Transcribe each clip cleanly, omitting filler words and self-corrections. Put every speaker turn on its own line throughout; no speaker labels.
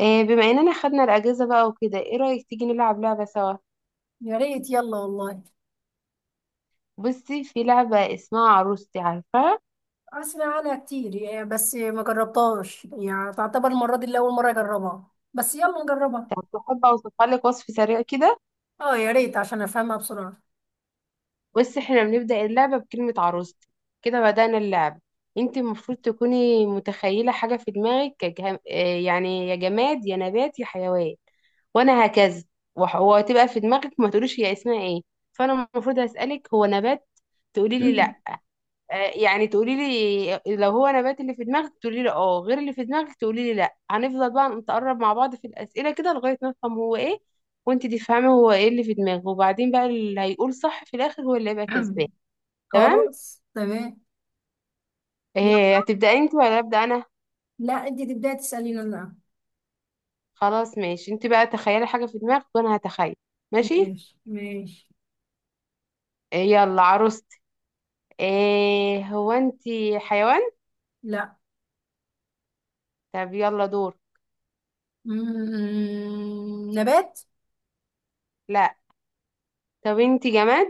بما اننا خدنا الاجازه بقى وكده، ايه رايك تيجي نلعب لعبه سوا؟
يا ريت يلا والله.
بصي، في لعبه اسمها عروستي، عارفاها؟
اسمع عنها كتير يعني بس ما جربتهاش، يعني تعتبر المرة دي الاول مرة اجربها بس يلا نجربها.
طب تحب اوصفها لك وصف سريع كده؟
اه يا ريت عشان افهمها بسرعة.
بصي، احنا بنبدا اللعبه بكلمه عروستي. كده بدانا اللعبه. انت المفروض تكوني متخيله حاجه في دماغك، كجه... آه، يعني يا جماد يا نبات يا حيوان. وانا هكذا. وهتبقى في دماغك، ما تقوليش هي اسمها ايه. فانا المفروض اسالك هو نبات. تقولي لي لا. يعني تقولي لي لو هو نبات اللي في دماغك تقولي لي اه، غير اللي في دماغك تقولي لي لا. هنفضل بقى نتقرب مع بعض في الأسئلة كده لغاية ما نفهم هو ايه. وانت تفهمي هو ايه اللي في دماغه، وبعدين بقى اللي هيقول صح في الآخر هو اللي هيبقى كسبان. تمام.
خلاص تمام. يلا.
هتبدأي انت ولا أبدأ انا؟
لا انت تبداي تسأليني انا.
خلاص ماشي، انت بقى تخيلي حاجة في دماغك وانا هتخيل. ماشي.
ماشي ماشي.
يلا عروست. هو انت حيوان؟
لا.
طب يلا دور.
نبات.
لا. طب انت جماد.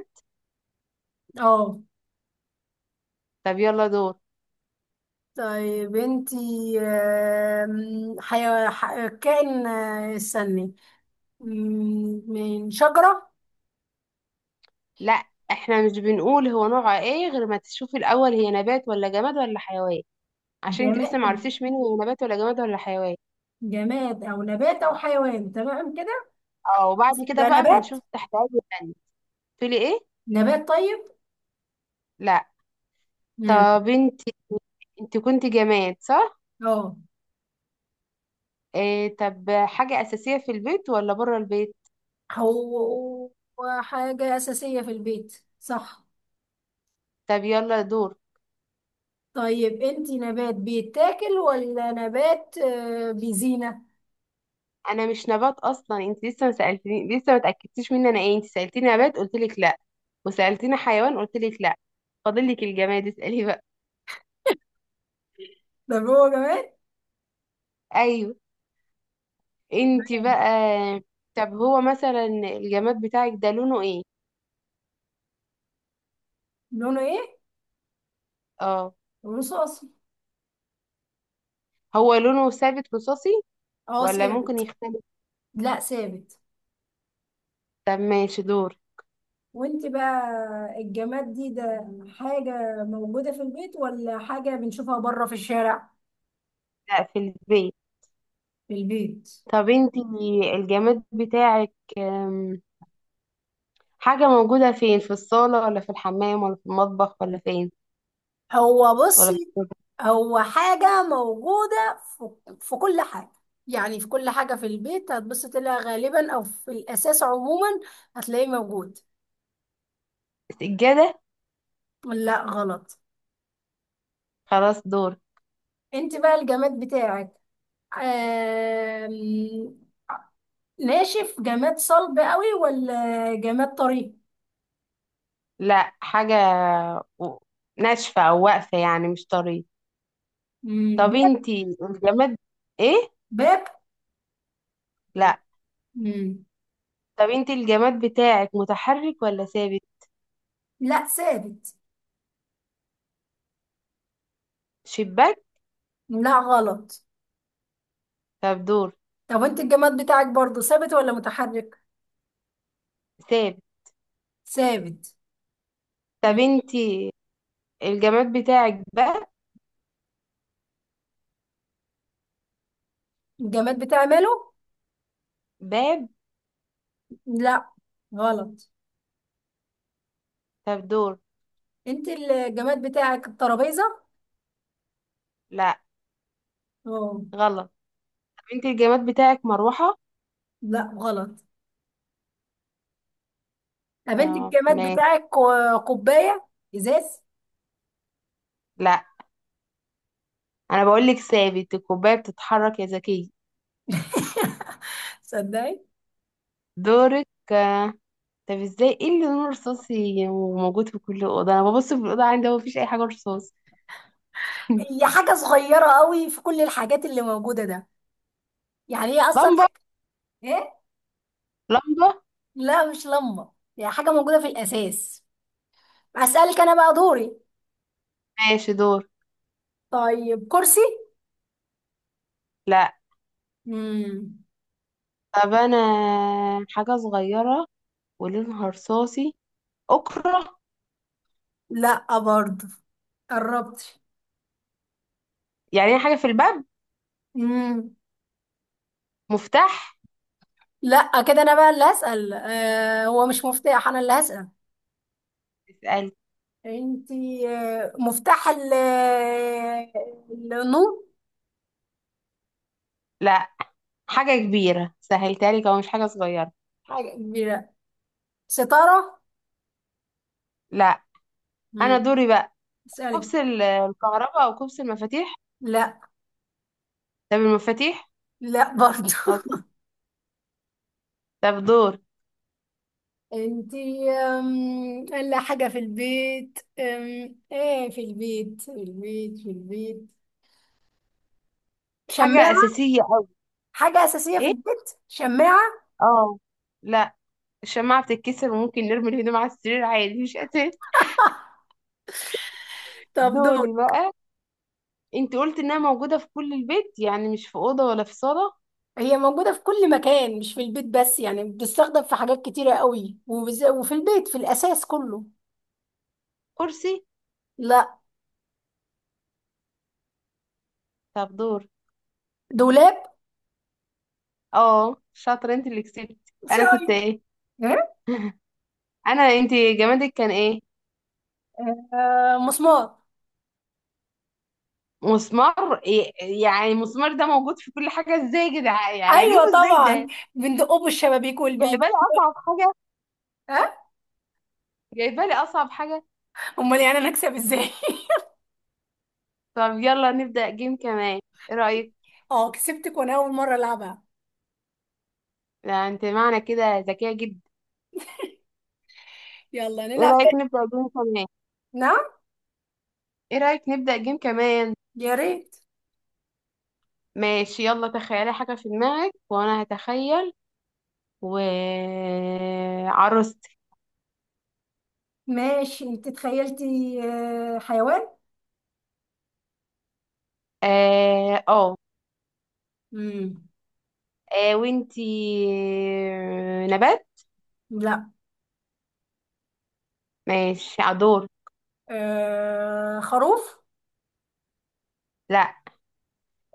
اه
طب يلا دور.
طيب. انتي كائن استني. من شجرة.
لا. احنا مش بنقول هو نوعه ايه غير ما تشوفي الاول هي نبات ولا جماد ولا حيوان. عشان انت لسه
جماد.
معرفتيش مني هو نبات ولا جماد ولا حيوان.
جماد او نبات او حيوان، تمام كده.
اه، وبعد كده
يبقى
بقى
نبات.
بنشوف تحت اي تانية. تقولي ايه؟
نبات طيب.
لا.
امم.
طب انت. انت كنت جماد صح؟
اه،
إيه. طب حاجة اساسية في البيت ولا بره البيت؟
هو هو حاجة أساسية في البيت، صح؟
طب يلا دور.
طيب انتي نبات بيتاكل ولا نبات بيزينة؟
انا مش نبات اصلا، انت لسه ما سالتني، لسه ما اتاكدتيش مني انا ايه. انت سالتيني نبات قلت لك لا. وسالتيني حيوان قلت لك لا. فاضل لك الجماد، اسالي بقى.
ده هو جماد.
ايوه. انت
تمام.
بقى. طب هو مثلا الجماد بتاعك ده لونه ايه؟
لونه ايه؟
اه.
رصاصي.
هو لونه ثابت رصاصي
اه
ولا ممكن
ثابت.
يختلف؟
لا ثابت.
طب ماشي دور.
وانت بقى. الجماد ده حاجة موجودة في البيت ولا حاجة بنشوفها بره في الشارع؟
لا، في البيت.
في البيت.
طب انت. الجماد بتاعك، حاجة موجودة فين، في الصالة ولا في الحمام ولا في المطبخ ولا فين؟
هو
ولا في؟
بصي، هو حاجة موجودة في كل حاجة. يعني في كل حاجة في البيت هتبص تلاقيها غالبا، أو في الأساس عموما هتلاقيه موجود.
السجادة.
لا غلط.
خلاص دور.
انت بقى الجماد بتاعك آم، ناشف، جماد صلب قوي ولا جماد طري؟
لا، حاجة و- ناشفة او واقفة، يعني مش طرية. طب
باب.
انت الجماد، ايه؟
باب؟
لا.
مم.
طب انت الجماد بتاعك متحرك ولا ثابت؟
لا ثابت.
شباك.
لا غلط.
طب دور.
طب انت الجماد بتاعك برضو ثابت ولا متحرك؟
ثابت.
ثابت. مم.
طب انت الجماد بتاعك باب.
الجماد بتاعي ماله.
باب؟
لا غلط.
طب دور.
انت الجماد بتاعك الترابيزه؟
لا
اه.
غلط طب انت الجماد بتاعك مروحة؟
لا غلط. طب انت
طب
الجماد
ماشي.
بتاعك كوبايه. ازاز.
لا. انا بقول لك ثابت، الكوباية بتتحرك يا ذكية.
صدقي.
دورك. آه. طب ازاي؟ ايه اللي لونه رصاصي وموجود في كل اوضه؟ انا ببص في الاوضه عندي هو مفيش اي حاجه رصاص.
هي حاجه صغيره قوي في كل الحاجات اللي موجوده ده. يعني هي اصلا
لمبه.
حاجه. ايه؟
لمبه.
لا مش لمبه. هي حاجه موجوده في الاساس. اسالك انا بقى دوري.
ماشي دور.
طيب كرسي.
لا.
امم.
طب انا حاجه صغيره ولونها رصاصي. أكرة.
لا برضه. قربت.
يعني حاجة في الباب.
امم.
مفتاح.
لا، كده انا بقى اللي هسال. آه، هو مش مفتاح، انا اللي هسال.
اسألي.
انتي مفتاح النور؟
لا، حاجة كبيرة سهلتها لك، أو مش حاجة صغيرة.
حاجة كبيرة. ستارة؟
لا. أنا
مم.
دوري بقى.
اسألي.
كبس الكهرباء، أو كبس المفاتيح.
لا.
طب المفاتيح.
لا برضو.
طب. طب دور.
انتي الا حاجة في البيت، ايه؟ في البيت شماعة؟
حاجة أساسية أوي.
حاجة أساسية في
إيه.
البيت شماعة.
اه. لا. الشماعة بتتكسر، وممكن نرمي الهدوم على السرير عادي، مش أساسي.
طب دور.
دوري بقى. أنت قلت إنها موجودة في كل البيت، يعني مش في أوضة ولا في صالة.
هي موجودة في كل مكان مش في البيت بس، يعني بتستخدم في حاجات كتيرة قوي وفي البيت في الأساس كله.
كرسي.
لا.
طب دور.
دولاب.
اه، شاطرة، أنت اللي كسبت. أنا كنت
شاي.
إيه؟ انت جمادك كان ايه؟
آه، مسمار.
مسمار يعني المسمار ده موجود في كل حاجه ازاي يا جدعان؟ يعني اجيبه
ايوه
ازاي
طبعا.
ده؟
بندقه بالشبابيك
جايبه
والبيبي.
لي اصعب حاجه.
ها.
جايبه لي اصعب حاجه.
امال يعني انا اكسب ازاي؟
طب يلا نبدا جيم كمان. ايه رايك؟
اه كسبتك وانا اول مره العبها.
لا، انت معنى كده ذكيه جدا.
يلا
ايه
نلعب
رايك
تاني.
نبدا جيم كمان؟
نعم.
ايه رايك نبدا جيم كمان؟
يا ريت.
ماشي، يلا تخيلي حاجه في دماغك وانا هتخيل. و عروستي.
ماشي. انت تخيلتي حيوان.
اه اه.
امم.
وانتي نبات؟
لا.
ماشي عدور.
خروف.
لا.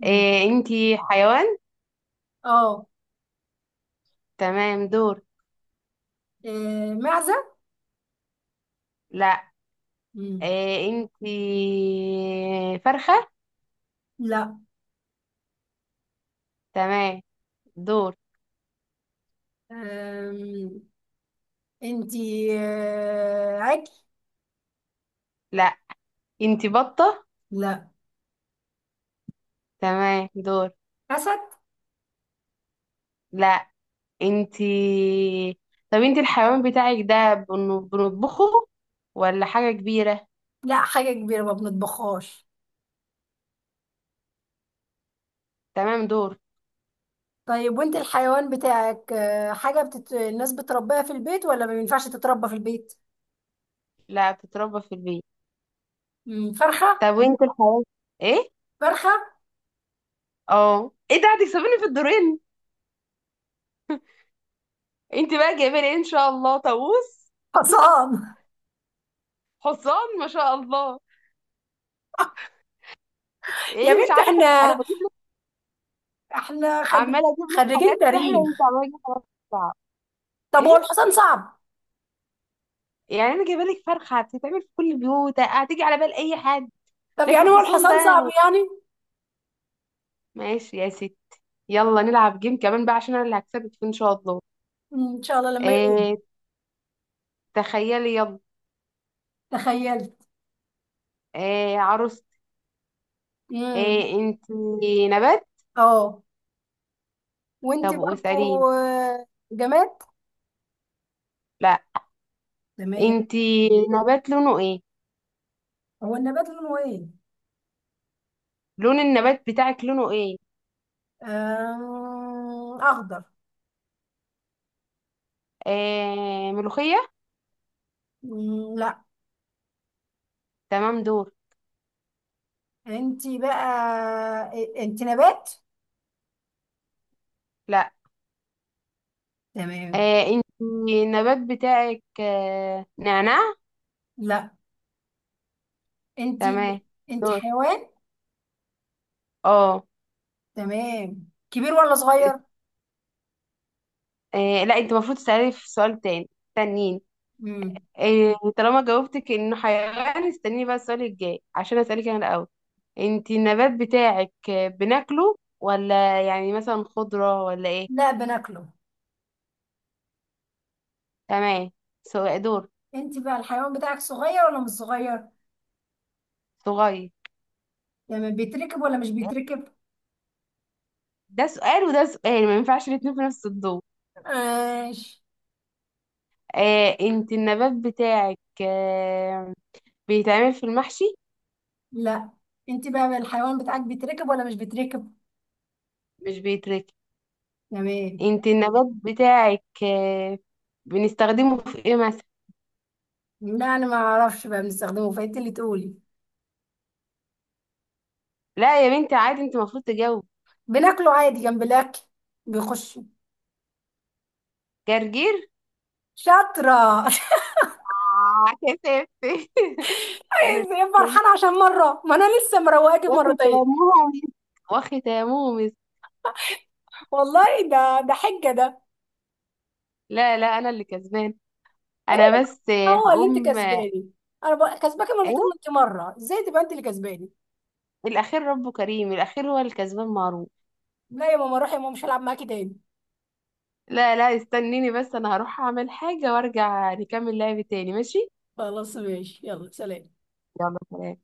امم.
إيه انتي حيوان؟
اه.
تمام دور.
معزة.
لا.
امم.
إيه انتي فرخة؟
لا.
تمام. دور.
آم، انتي عجل.
لا. انتي بطة؟
لا.
تمام دور.
أسد.
لا. انتي. طب انتي الحيوان بتاعك ده بنطبخه ولا حاجة كبيرة؟
لا، حاجة كبيرة ما بنطبخهاش.
تمام دور.
طيب وانت الحيوان بتاعك، حاجة الناس بتربيها في البيت ولا ما ينفعش تتربى في البيت؟
لا، بتتربى في البيت.
فرخة.
طب وانت الحيوان، ايه؟
فرخة.
اه. ايه ده، هتكسبيني في الدورين. انتي بقى جايبه لي ايه؟ ان شاء الله طاووس؟
حصان.
حصان؟ ما شاء الله.
يا
ايه، مش
بنت
عارفة انا
احنا،
بجيب.
احنا خريج...
عماله اجيب لك حاجات
خريجين
سهله وانت
تاريخ.
عماله تجيب حاجات صعبه.
طب هو
ايه،
الحصان صعب؟
يعني انا جايبه لك فرخه هتتعمل في كل البيوت، هتيجي على بال اي حد.
طب
لكن
يعني هو
حصان ده.
الحصان صعب يعني.
ماشي يا ستي. يلا نلعب جيم كمان بقى، عشان انا اللي هكسبك فيه ان شاء الله.
ان شاء الله لما يقوم.
إيه. تخيلي يلا.
تخيلت.
إيه عروستي.
امم.
إيه انت نبات؟
اه وانت
طب
برضو.
واساليني.
آه، جماد.
لا.
تمام.
انت نبات لونه ايه؟
هو النبات لونه ايه؟
لون النبات بتاعك لونه ايه؟
اخضر.
إيه ملوخيه؟
لا.
تمام دور.
انت بقى. انت نبات؟
لا.
تمام.
إيه انت النبات بتاعك، نعناع؟
لا.
تمام
انتي انتي
دور.
حيوان.
اه.
تمام، كبير ولا
ات-
صغير؟
لا، انت المفروض تسألي في سؤال تاني تانيين.
امم.
طالما جاوبتك انه حيوان، استني بقى السؤال الجاي عشان اسألك انا الاول. انت النبات بتاعك، بناكله ولا يعني مثلا خضرة ولا ايه؟
لا بناكله.
تمام. سؤال دور.
انتي بقى الحيوان بتاعك صغير ولا مش صغير؟
صغير.
تمام، بيتركب ولا مش بيتركب؟
ده سؤال وده سؤال، ما ينفعش الاتنين في نفس الدور.
ماشي.
انت النبات بتاعك، بيتعمل في المحشي؟
لا. انتي بقى الحيوان بتاعك بيتركب ولا مش بيتركب؟
مش بيتركن.
تمام.
انت النبات بتاعك، بنستخدمه في ايه مثلا؟
لا انا ما اعرفش بقى بنستخدمه، فانت اللي تقولي.
لا يا بنتي عادي، انت المفروض تجاوب.
بناكله عادي جنب الاكل. بيخش.
جرجير.
شاطرة.
كسفتي. انا اللي
ازاي
كسبت.
فرحانة عشان مرة، ما انا لسه مروقاكي مرتين.
وختامه مسك. وختامه مسك.
والله، ده حجة ده.
لا لا، انا اللي كسبان.
إيه؟
انا بس
هو اللي انت
هقوم.
كسباني؟ انا بقى كسباك
ايه؟
مرتين وانت مره، ازاي تبقى انت اللي كسباني؟
الاخير ربه كريم، الاخير هو الكسبان معروف.
لا يا ماما، روح يا ماما، مش هلعب معاكي تاني.
لا لا، استنيني بس، انا هروح اعمل حاجة وارجع نكمل لعب تاني، ماشي.
خلاص ماشي، يلا سلام.
يلا سلام.